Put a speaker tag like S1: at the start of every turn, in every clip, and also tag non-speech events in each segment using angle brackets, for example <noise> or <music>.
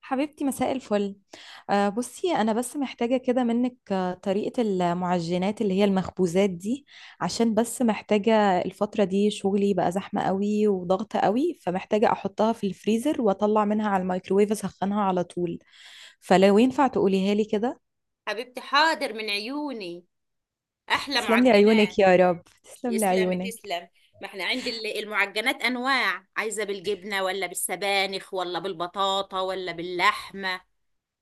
S1: حبيبتي مساء الفل. بصي انا بس محتاجه كده منك، طريقه المعجنات اللي هي المخبوزات دي. عشان بس محتاجه الفتره دي شغلي بقى زحمه قوي وضغط قوي، فمحتاجه احطها في الفريزر واطلع منها على الميكروويف اسخنها على طول. فلو ينفع تقوليها لي كده.
S2: حبيبتي، حاضر من عيوني. احلى
S1: تسلم لي عيونك
S2: معجنات.
S1: يا رب، تسلم لي
S2: يسلم
S1: عيونك.
S2: تسلم ما احنا عند المعجنات انواع، عايزه بالجبنه ولا بالسبانخ ولا بالبطاطا ولا باللحمه؟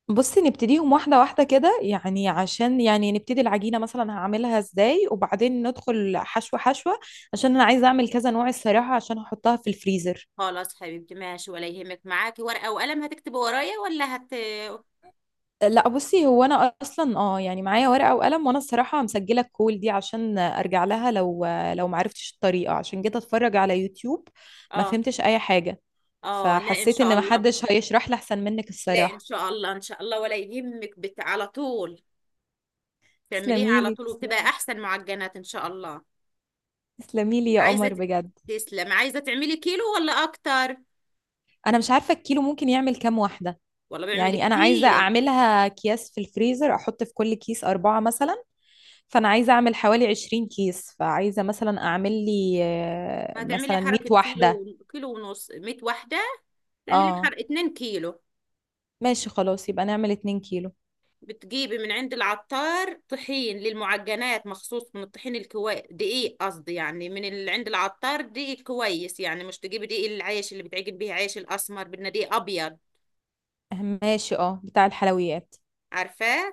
S1: بصي نبتديهم واحدة واحدة كده، يعني عشان يعني نبتدي العجينة مثلا هعملها ازاي، وبعدين ندخل حشوة حشوة. عشان انا عايزة اعمل كذا نوع الصراحة عشان هحطها في الفريزر.
S2: خلاص حبيبتي، ماشي، ولا يهمك. معاكي ورقة وقلم هتكتبي ورايا ولا هت
S1: لا بصي، هو انا اصلا اه يعني معايا ورقة وقلم، وانا الصراحة مسجلة الكول دي عشان ارجع لها لو معرفتش الطريقة عشان جيت اتفرج على يوتيوب. ما
S2: اه
S1: فهمتش اي حاجة.
S2: اه لا ان
S1: فحسيت
S2: شاء
S1: ان
S2: الله.
S1: محدش هيشرح لي احسن منك
S2: لا ان
S1: الصراحة.
S2: شاء الله ان شاء الله ولا يهمك. على طول تعمليه على
S1: تسلميلي.
S2: طول وبتبقى احسن معجنات ان شاء الله.
S1: تسلميلي يا
S2: عايزة
S1: قمر
S2: ت-
S1: بجد.
S2: تسلم. عايزة تعملي كيلو ولا اكتر
S1: انا مش عارفة الكيلو ممكن يعمل كام واحدة.
S2: ولا بعمل
S1: يعني انا عايزه
S2: كتير؟
S1: اعملها اكياس في الفريزر، احط في كل كيس اربعه مثلا. فانا عايزه اعمل حوالي 20 كيس، فعايزه مثلا اعمل لي
S2: هتعملي
S1: مثلا 100
S2: حركة
S1: واحده.
S2: كيلو، كيلو ونص 100 واحدة، تعملي
S1: اه
S2: بحر 2 كيلو.
S1: ماشي خلاص، يبقى نعمل 2 كيلو.
S2: بتجيبي من عند العطار طحين للمعجنات مخصوص، من الطحين الكويس، دقيق قصدي، يعني من اللي عند العطار دقيق كويس، يعني مش تجيبي دقيق العيش اللي بتعجن بيه عيش الاسمر، بدنا دقيق ابيض.
S1: ماشي اه، بتاع الحلويات.
S2: عارفاه؟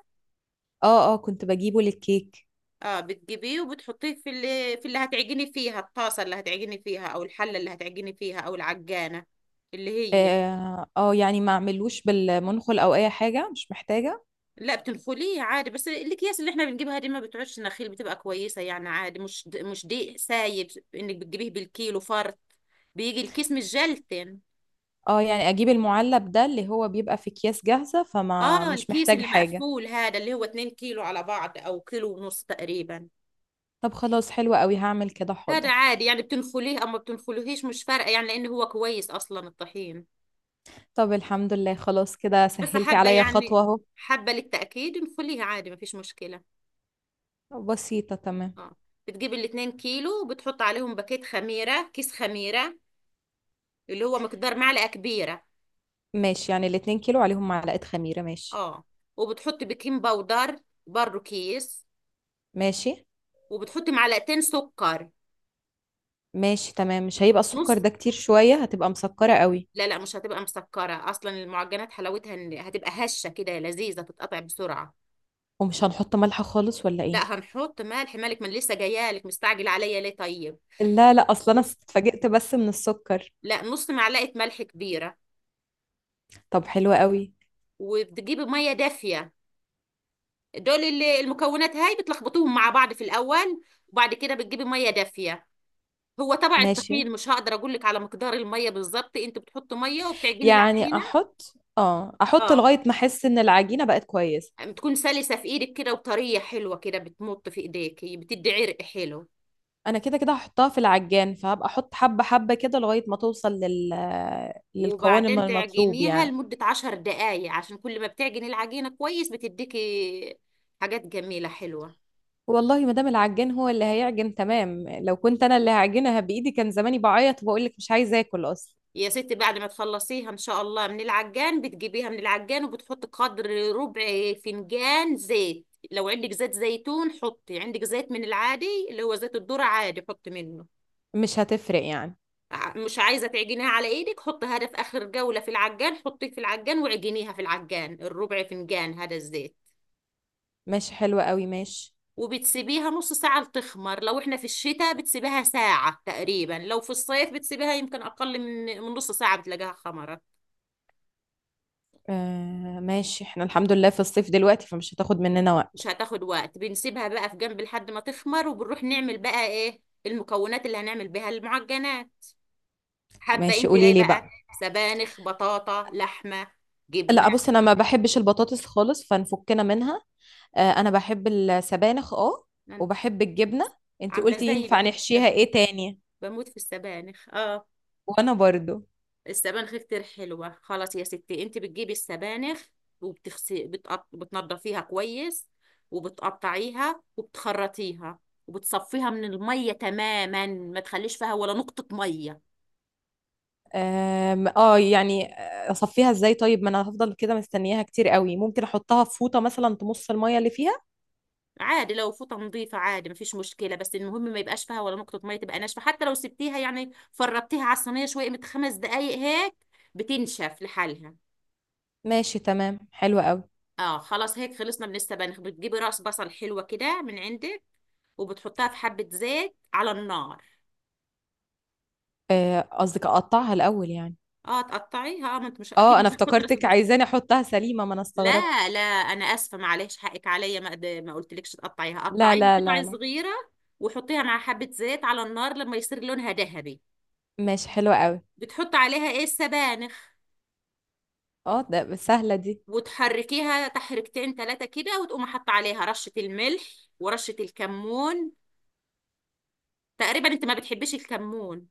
S1: اه اه، كنت بجيبه للكيك.
S2: اه، بتجيبيه وبتحطيه في اللي هتعجني فيها، الطاسه اللي هتعجني فيها او الحله اللي هتعجني فيها او العجانه اللي هي.
S1: اه يعني ما اعملوش بالمنخل او اي حاجه، مش محتاجه.
S2: لا، بتنخليه عادي، بس الاكياس اللي احنا بنجيبها دي ما بتعودش نخيل، بتبقى كويسه يعني عادي، مش مش دقيق سايب انك بتجيبيه بالكيلو فرط، بيجي الكيس مش جلتن.
S1: اه يعني اجيب المعلب ده اللي هو بيبقى في اكياس جاهزه، فما
S2: اه،
S1: مش
S2: الكيس
S1: محتاج
S2: اللي
S1: حاجه.
S2: مقفول هذا اللي هو 2 كيلو على بعض او كيلو ونص تقريبا.
S1: طب خلاص حلوة قوي، هعمل كده
S2: هذا
S1: حاضر.
S2: عادي، يعني بتنخليه او ما بتنخليهش مش فارقه، يعني لان هو كويس اصلا الطحين،
S1: طب الحمد لله، خلاص كده
S2: بس
S1: سهلتي
S2: حابه
S1: عليا خطوة
S2: يعني
S1: اهو.
S2: حابه للتاكيد نخليها عادي ما فيش مشكله.
S1: بسيطة تمام.
S2: اه، بتجيب الاتنين كيلو وبتحط عليهم باكيت خميره، كيس خميره، اللي هو مقدار معلقة كبيرة.
S1: ماشي، يعني الاتنين كيلو عليهم معلقة خميرة، ماشي.
S2: اه، وبتحط بيكنج باودر برضو كيس،
S1: ماشي.
S2: وبتحط معلقتين سكر.
S1: ماشي تمام، مش هيبقى
S2: نص،
S1: السكر ده كتير شوية؟ هتبقى مسكرة قوي.
S2: لا لا، مش هتبقى مسكرة أصلا، المعجنات حلاوتها إن هتبقى هشة كده لذيذة تتقطع بسرعة.
S1: ومش هنحط ملح خالص ولا
S2: لا،
S1: ايه؟
S2: هنحط ملح، مالك من لسه جايالك مستعجل عليا ليه؟ طيب،
S1: لا لا، اصلا انا
S2: نص،
S1: اتفاجئت بس من السكر.
S2: لا نص معلقة ملح كبيرة.
S1: طب حلوة قوي.
S2: وبتجيبي مية دافية، المكونات هاي بتلخبطوهم مع بعض في الأول، وبعد كده بتجيبي مية دافية. هو تبع
S1: ماشي،
S2: التخمير، مش هقدر اقول لك على مقدار الميه بالظبط، انت بتحط ميه وبتعجني
S1: يعني
S2: العجينه.
S1: احط اه احط
S2: اه،
S1: لغاية ما احس ان العجينة بقت كويسة.
S2: بتكون سلسه في ايدك كده وطريه حلوه كده، بتمط في ايديكي، بتدي عرق حلو.
S1: انا كده كده هحطها في العجان، فهبقى احط حبة حبة كده لغاية ما توصل للقوام
S2: وبعدين
S1: المطلوب
S2: تعجنيها
S1: يعني.
S2: لمده 10 دقايق، عشان كل ما بتعجني العجينه كويس بتديكي حاجات جميله حلوه.
S1: والله ما دام العجان هو اللي هيعجن تمام، لو كنت انا اللي هعجنها بايدي كان زماني بعيط وبقول لك مش عايزه اكل اصلا.
S2: يا ستي، بعد ما تخلصيها ان شاء الله من العجان، بتجيبيها من العجان وبتحط قدر ربع فنجان زيت، لو عندك زيت زيتون حطي، عندك زيت من العادي اللي هو زيت الذرة عادي حطي منه.
S1: مش هتفرق يعني.
S2: مش عايزة تعجنيها على ايدك، حطيها ده في اخر جولة في العجان، حطيه في العجان وعجنيها في العجان، الربع فنجان هذا الزيت.
S1: ماشي حلوة قوي ماشي.
S2: وبتسيبيها نص ساعة لتخمر، لو احنا في الشتاء بتسيبها ساعة تقريبا، لو في الصيف بتسيبها يمكن اقل من نص ساعة بتلاقيها خمرت.
S1: آه ماشي، احنا الحمد لله في الصيف دلوقتي، فمش هتاخد مننا
S2: مش
S1: وقت.
S2: هتاخد وقت، بنسيبها بقى في جنب لحد ما تخمر، وبنروح نعمل بقى ايه المكونات اللي هنعمل بها المعجنات. حابة
S1: ماشي،
S2: انت
S1: قولي
S2: ايه
S1: لي بقى.
S2: بقى، سبانخ، بطاطا، لحمة، جبنة؟
S1: لا بص، انا ما بحبش البطاطس خالص، فنفكنا منها. آه انا بحب السبانخ اه.
S2: أنا
S1: وبحب الجبنة. انت
S2: عاملة
S1: قلتي
S2: زيي
S1: ينفع
S2: بحب
S1: نحشيها
S2: السبانخ،
S1: ايه تاني؟
S2: بموت في السبانخ، اه.
S1: وانا برضو.
S2: السبانخ كتير حلوة. خلاص يا ستي، انت بتجيبي السبانخ، وبتغسي بتنضفيها كويس، وبتقطعيها وبتخرطيها، وبتصفيها من المية تماما، ما تخليش فيها ولا نقطة مية.
S1: اه يعني. اصفيها ازاي طيب؟ ما انا هفضل كده مستنياها كتير قوي، ممكن احطها في فوطه مثلا تمص الميه اللي فيها.
S2: عادي لو فوطة نظيفة عادي مفيش مشكلة، بس المهم ما يبقاش فيها ولا نقطة مية، تبقى ناشفة. حتى لو سبتيها يعني فرطتيها على الصينية شوية، من 5 دقايق هيك بتنشف لحالها.
S1: ماشي تمام، حلو قوي.
S2: اه، خلاص هيك خلصنا من السبانخ. بتجيبي راس بصل حلوة كده من عندك، وبتحطها في حبة زيت على النار.
S1: قصدك اقطعها الاول يعني.
S2: اه تقطعيها، اه ما انت مش اكيد
S1: اه
S2: مش
S1: انا
S2: هتحطي راس
S1: افتكرتك
S2: البصل.
S1: عايزاني احطها سليمه، ما انا
S2: لا
S1: استغربت.
S2: لا انا اسفه، معلش حقك عليا، ما قلتلكش تقطعيها،
S1: لا
S2: قطعيها
S1: لا لا
S2: قطع
S1: لا.
S2: صغيره، وحطيها مع حبه زيت على النار لما يصير لونها ذهبي.
S1: ماشي حلوه قوي.
S2: بتحط عليها ايه؟ السبانخ.
S1: اه ده سهله دي.
S2: وتحركيها تحركتين ثلاثه كده، وتقوم حاطه عليها رشه الملح ورشه الكمون. تقريبا انت ما بتحبيش الكمون،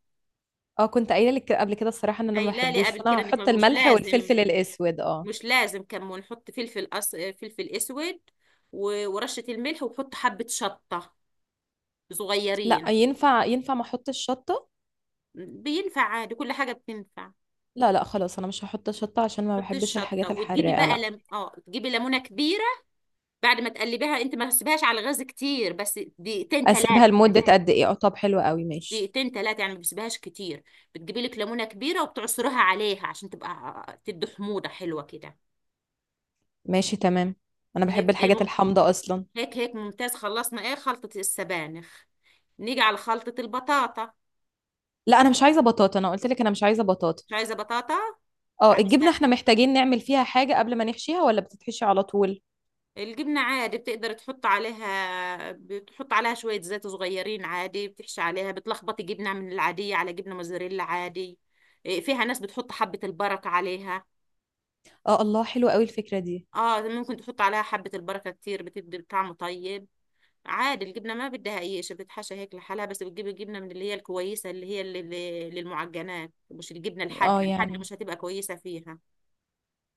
S1: اه كنت قايله لك قبل كده الصراحه ان انا ما
S2: قايله لي
S1: بحبوش،
S2: قبل
S1: فانا
S2: كده. انك ما-
S1: هحط
S2: مش
S1: الملح
S2: لازم،
S1: والفلفل الاسود اه.
S2: مش لازم كمون، حط فلفل فلفل اسود، ورشة الملح، وحط حبة شطة
S1: لا
S2: صغيرين.
S1: ينفع، ينفع ما احطش شطه؟
S2: بينفع عادي، كل حاجة بتنفع.
S1: لا لا خلاص، انا مش هحط شطه عشان ما
S2: حطي
S1: بحبش
S2: الشطة،
S1: الحاجات
S2: وتجيبي
S1: الحراقه
S2: بقى
S1: لا.
S2: لم... اه، تجيبي ليمونة كبيرة. بعد ما تقلبيها، انت ما تسيبهاش على الغاز كتير، بس دقيقتين ثلاثة.
S1: اسيبها لمدة قد ايه؟ اه طب حلو قوي ماشي.
S2: دقيقتين ثلاثة يعني، ما بتسيبهاش كتير. بتجيبي لك ليمونة كبيرة وبتعصريها عليها عشان تبقى تدي حموضة حلوة كده.
S1: ماشي تمام. انا بحب
S2: هيك ايه
S1: الحاجات الحامضة اصلا.
S2: هيك هيك، ممتاز. خلصنا ايه خلطة السبانخ، نيجي على خلطة البطاطا.
S1: لا انا مش عايزة بطاطا، انا قلت لك انا مش عايزة بطاطا.
S2: مش عايزة بطاطا.
S1: اه الجبنة
S2: عايزة
S1: احنا محتاجين نعمل فيها حاجة قبل ما نحشيها ولا بتتحشي على طول؟
S2: الجبنة عادي، بتقدر تحط عليها، بتحط عليها شوية زيت صغيرين عادي، بتحشي عليها، بتلخبطي جبنة من العادية على جبنة موزاريلا عادي. إيه، فيها ناس بتحط حبة البركة عليها.
S1: اه الله، حلو قوي الفكرة دي.
S2: اه، ممكن تحط عليها حبة البركة كتير، بتدي طعمه طيب. عادي، الجبنة ما بدها أي شيء، بتحشى هيك لحالها، بس بتجيب الجبنة من اللي هي الكويسة، اللي هي للمعجنات، مش الجبنة
S1: اه
S2: الحادقة، الحادقة
S1: يعني.
S2: مش هتبقى كويسة فيها.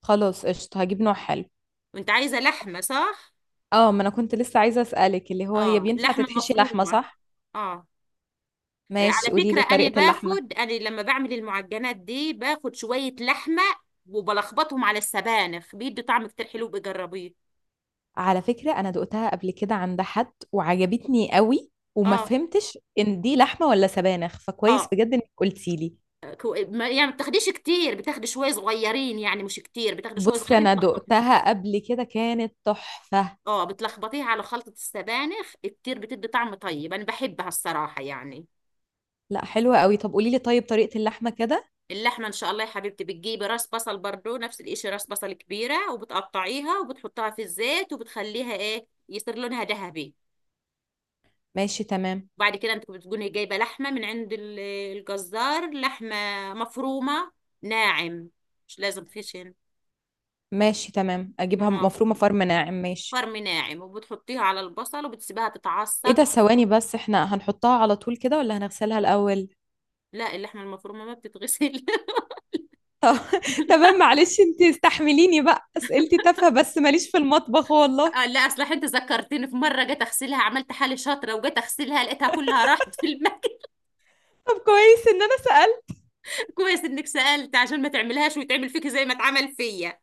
S1: خلاص قشطة، هجيب نوع حلو.
S2: وانت عايزة لحمة صح؟
S1: اه ما انا كنت لسه عايزة اسألك، اللي هو هي
S2: اه،
S1: بينفع
S2: لحمة
S1: تتحشي لحمة
S2: مفرومة.
S1: صح؟
S2: اه. آه، على
S1: ماشي، قولي
S2: فكرة
S1: لي
S2: أنا
S1: طريقة اللحمة.
S2: باخد، أنا لما بعمل المعجنات دي باخد شوية لحمة، وبلخبطهم على السبانخ، بيدي طعم كتير حلو، بجربيه.
S1: على فكرة انا دقتها قبل كده عند حد وعجبتني قوي، وما
S2: اه
S1: فهمتش ان دي لحمة ولا سبانخ، فكويس
S2: اه
S1: بجد انك قلتي لي.
S2: يعني ما بتاخديش كتير، بتاخدي شوية صغيرين، يعني مش كتير، بتاخدي شوية
S1: بصي
S2: صغيرين
S1: انا
S2: تلخبطي.
S1: دقتها قبل كده كانت تحفة.
S2: اه، بتلخبطيها على خلطة السبانخ كتير، بتدي طعم طيب، أنا بحبها الصراحة يعني.
S1: لا حلوة قوي، طب قولي لي طيب طريقة اللحمة كده.
S2: اللحمة إن شاء الله يا حبيبتي، بتجيبي راس بصل برضو نفس الإشي، راس بصل كبيرة، وبتقطعيها وبتحطها في الزيت وبتخليها إيه، يصير لونها ذهبي.
S1: ماشي تمام.
S2: وبعد كده انت بتكوني جايبه لحمه من عند الجزار، لحمه مفرومه ناعم، مش لازم خشن،
S1: ماشي تمام، اجيبها
S2: لحمه
S1: مفرومة
S2: مفرومه
S1: فرم ناعم، ماشي.
S2: فرم ناعم، وبتحطيها على البصل وبتسيبها
S1: ايه ده،
S2: تتعصج.
S1: ثواني بس، احنا هنحطها على طول كده ولا هنغسلها الاول؟
S2: لا، اللحمه المفرومه ما بتتغسل. <laughs>
S1: طب <laughs> تمام، معلش انتي استحمليني بقى اسئلتي تافهة، بس ماليش في المطبخ والله.
S2: آه، لا اصل انت ذكرتني، في مره جيت اغسلها، عملت حالي شاطره وجيت اغسلها لقيتها كلها راحت في المكان.
S1: طب كويس ان انا سألت.
S2: <laughs> كويس انك سالت عشان ما تعملهاش ويتعمل فيك زي ما اتعمل فيا.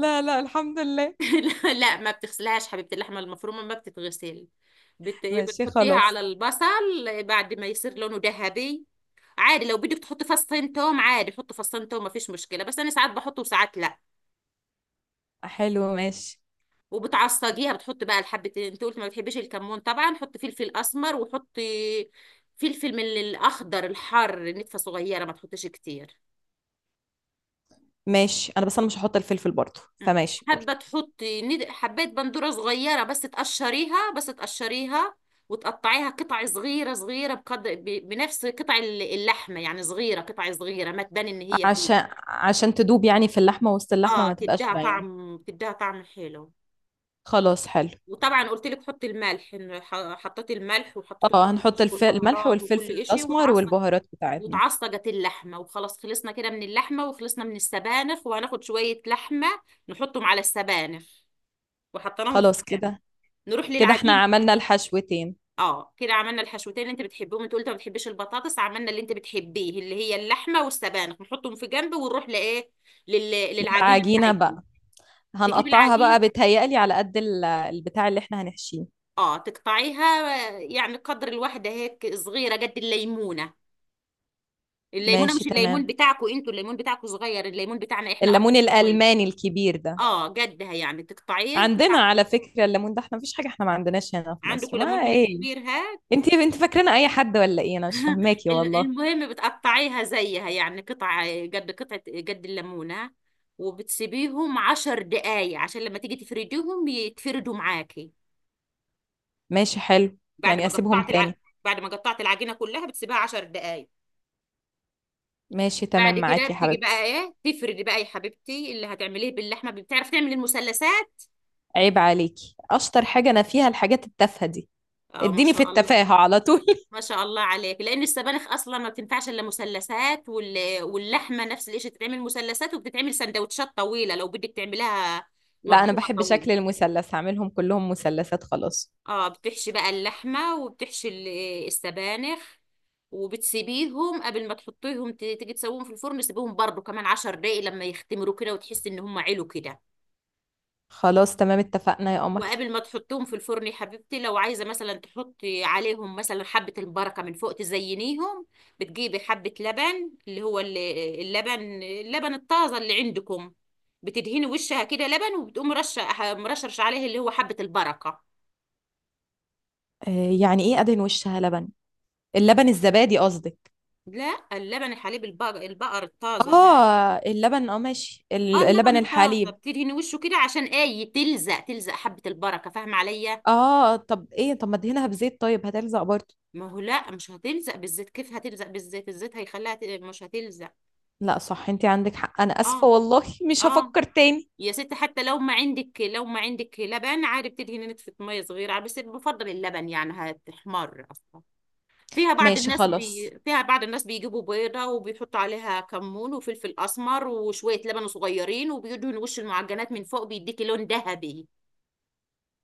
S1: لا لا الحمد لله.
S2: <laughs> لا، ما بتغسلهاش حبيبة، اللحمة المفرومة ما بتتغسل. إيه،
S1: ماشي
S2: بتحطيها على
S1: خلاص.
S2: البصل بعد ما يصير لونه ذهبي. عادي لو بدك تحطي فصين توم عادي، حطي فصين توم ما فيش مشكلة، بس أنا ساعات بحطه وساعات لا.
S1: حلو ماشي.
S2: وبتعصجيها، بتحطي بقى الحبة. أنت قلت ما بتحبيش الكمون، طبعا حطي فلفل أسمر، وحطي فلفل من الأخضر الحار نتفة صغيرة، ما تحطيش كتير.
S1: ماشي، انا بس انا مش هحط الفلفل برضه،
S2: مم.
S1: فماشي
S2: حابه
S1: برضه.
S2: تحطي حبات بندوره صغيره، بس تقشريها، بس تقشريها وتقطعيها قطع صغيره صغيره، بقدر بنفس قطع اللحمه، يعني صغيره قطع صغيره ما تبان ان هي فيه.
S1: عشان تدوب يعني في اللحمة، وسط اللحمة
S2: اه،
S1: ما تبقاش
S2: تديها
S1: باينة.
S2: طعم، تديها طعم حلو.
S1: خلاص حلو.
S2: وطبعا قلت لك حطي الملح، إن حطيتي الملح وحطيتي
S1: اه
S2: كل
S1: هنحط
S2: شيء
S1: الملح
S2: والبهارات
S1: والفلفل
S2: وكل شيء
S1: الأسمر
S2: وتعصج.
S1: والبهارات بتاعتنا.
S2: وتعصجت اللحمه، وخلاص خلصنا كده من اللحمه، وخلصنا من السبانخ، وهناخد شويه لحمه نحطهم على السبانخ وحطيناهم في
S1: خلاص
S2: الكام.
S1: كده.
S2: نروح
S1: كده احنا
S2: للعجينه.
S1: عملنا الحشوتين.
S2: اه، كده عملنا الحشوتين اللي انت بتحبهم، انت قلت ما بتحبيش البطاطس، عملنا اللي انت بتحبيه اللي هي اللحمه والسبانخ، نحطهم في جنب ونروح لايه لل... للعجينه
S1: للعجينة
S2: بتاعتهم.
S1: بقى.
S2: تجيب
S1: هنقطعها
S2: العجين،
S1: بقى، بتهيألي على قد البتاع اللي احنا هنحشيه.
S2: اه تقطعيها. آه، يعني قدر الواحده هيك صغيره قد الليمونه. الليمونه
S1: ماشي
S2: مش
S1: تمام.
S2: الليمون بتاعكم انتوا، الليمون بتاعكم صغير، الليمون بتاعنا احنا اكبر
S1: الليمون
S2: شويه.
S1: الألماني الكبير ده.
S2: اه، قدها يعني تقطعيه.
S1: عندنا على فكرة الليمون ده احنا مفيش حاجة، احنا ما عندناش هنا في
S2: عندكم
S1: مصر ما
S2: ليمون من
S1: ايه.
S2: الكبير، ها.
S1: انت فاكرين اي حد ولا ايه؟ انا مش فاهماكي
S2: <laughs>
S1: والله.
S2: المهم بتقطعيها زيها، يعني قطع قد قطعة، قد الليمونة، وبتسيبيهم 10 دقايق، عشان لما تيجي تفرديهم يتفردوا معاكي.
S1: ماشي حلو.
S2: بعد
S1: يعني
S2: ما
S1: اسيبهم
S2: قطعت
S1: تاني؟
S2: بعد ما قطعت العجينة كلها بتسيبها 10 دقايق.
S1: ماشي تمام
S2: بعد كده
S1: معاكي يا
S2: بتيجي بقى
S1: حبيبتي.
S2: ايه، تفردي بقى يا حبيبتي. اللي هتعمليه باللحمة، بتعرفي تعملي المثلثات؟
S1: عيب عليكي، اشطر حاجة انا فيها الحاجات التافهة دي.
S2: اه، ما
S1: اديني في
S2: شاء الله.
S1: التفاهة على طول
S2: ما شاء الله عليك، لان السبانخ اصلا ما بتنفعش الا مثلثات، واللحمه نفس الشيء، تتعمل مثلثات وبتتعمل سندوتشات طويله لو بدك تعملها
S1: <laughs> لا انا
S2: مبرومه
S1: بحب شكل
S2: طويله.
S1: المثلث، هعملهم كلهم مثلثات خلاص.
S2: اه، بتحشي بقى اللحمه وبتحشي السبانخ، وبتسيبيهم قبل ما تحطيهم تيجي تسويهم في الفرن، سيبيهم برضو كمان 10 دقايق لما يختمروا كده وتحسي ان هم علوا كده.
S1: خلاص تمام اتفقنا يا قمر.
S2: وقبل ما تحطهم في الفرن يا حبيبتي، لو عايزه مثلا تحطي عليهم مثلا حبه البركه من فوق تزينيهم، بتجيبي حبه لبن اللي هو اللبن، اللبن الطازه اللي عندكم، بتدهني وشها كده لبن وبتقوم رشه مرشرش عليه اللي هو حبه البركه.
S1: آه يعني ايه ادهن وشها لبن؟ اللبن الزبادي قصدك؟
S2: لا، اللبن الحليب، البقر الطازه هذا.
S1: اه اللبن، اه ماشي
S2: اه، اللبن
S1: اللبن
S2: الطازه،
S1: الحليب.
S2: بتدهني وشه كده عشان ايه، تلزق، تلزق حبه البركه، فاهمه عليا؟
S1: اه طب ايه، طب ما ادهنها بزيت طيب هتلزق برضه.
S2: ما هو لا، مش هتلزق بالزيت، كيف هتلزق بالزيت، الزيت هيخليها مش هتلزق.
S1: لا صح، انت عندك حق، انا اسفة
S2: اه.
S1: والله. مش
S2: اه
S1: هفكر تاني.
S2: يا ست، حتى لو ما عندك، لو ما عندك لبن عادي بتدهني نتفة مية صغيرة عادي، بس بفضل اللبن، يعني هتحمر أصلا. فيها بعض
S1: ماشي
S2: الناس
S1: خلاص،
S2: فيها بعض الناس بيجيبوا بيضة وبيحطوا عليها كمون وفلفل أسمر وشوية لبن صغيرين، وبيدهنوا وش المعجنات من فوق، بيديكي لون ذهبي.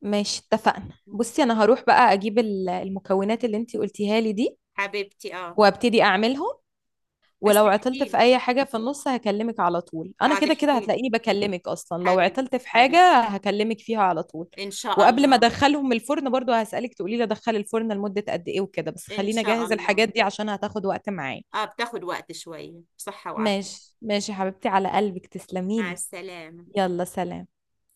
S1: ماشي اتفقنا.
S2: مم.
S1: بصي انا هروح بقى اجيب المكونات اللي انتي قلتيها لي دي.
S2: حبيبتي اه،
S1: وابتدي اعملهم.
S2: بس
S1: ولو عطلت في
S2: تحكيلي،
S1: اي حاجة في النص هكلمك على طول، انا
S2: اه
S1: كده كده
S2: تحكيلي
S1: هتلاقيني بكلمك اصلا، لو عطلت
S2: حبيبتي
S1: في حاجة
S2: حبيبتي،
S1: هكلمك فيها على طول.
S2: ان شاء
S1: وقبل ما
S2: الله.
S1: ادخلهم الفرن برضو هسألك تقولي لي ادخل الفرن لمدة قد ايه وكده، بس
S2: ان
S1: خلينا
S2: شاء
S1: اجهز
S2: الله.
S1: الحاجات دي عشان هتاخد وقت معايا.
S2: اه، بتاخد وقت شوية. بصحة وعافية.
S1: ماشي ماشي يا حبيبتي، على قلبك،
S2: مع
S1: تسلميلي.
S2: السلامة.
S1: يلا سلام.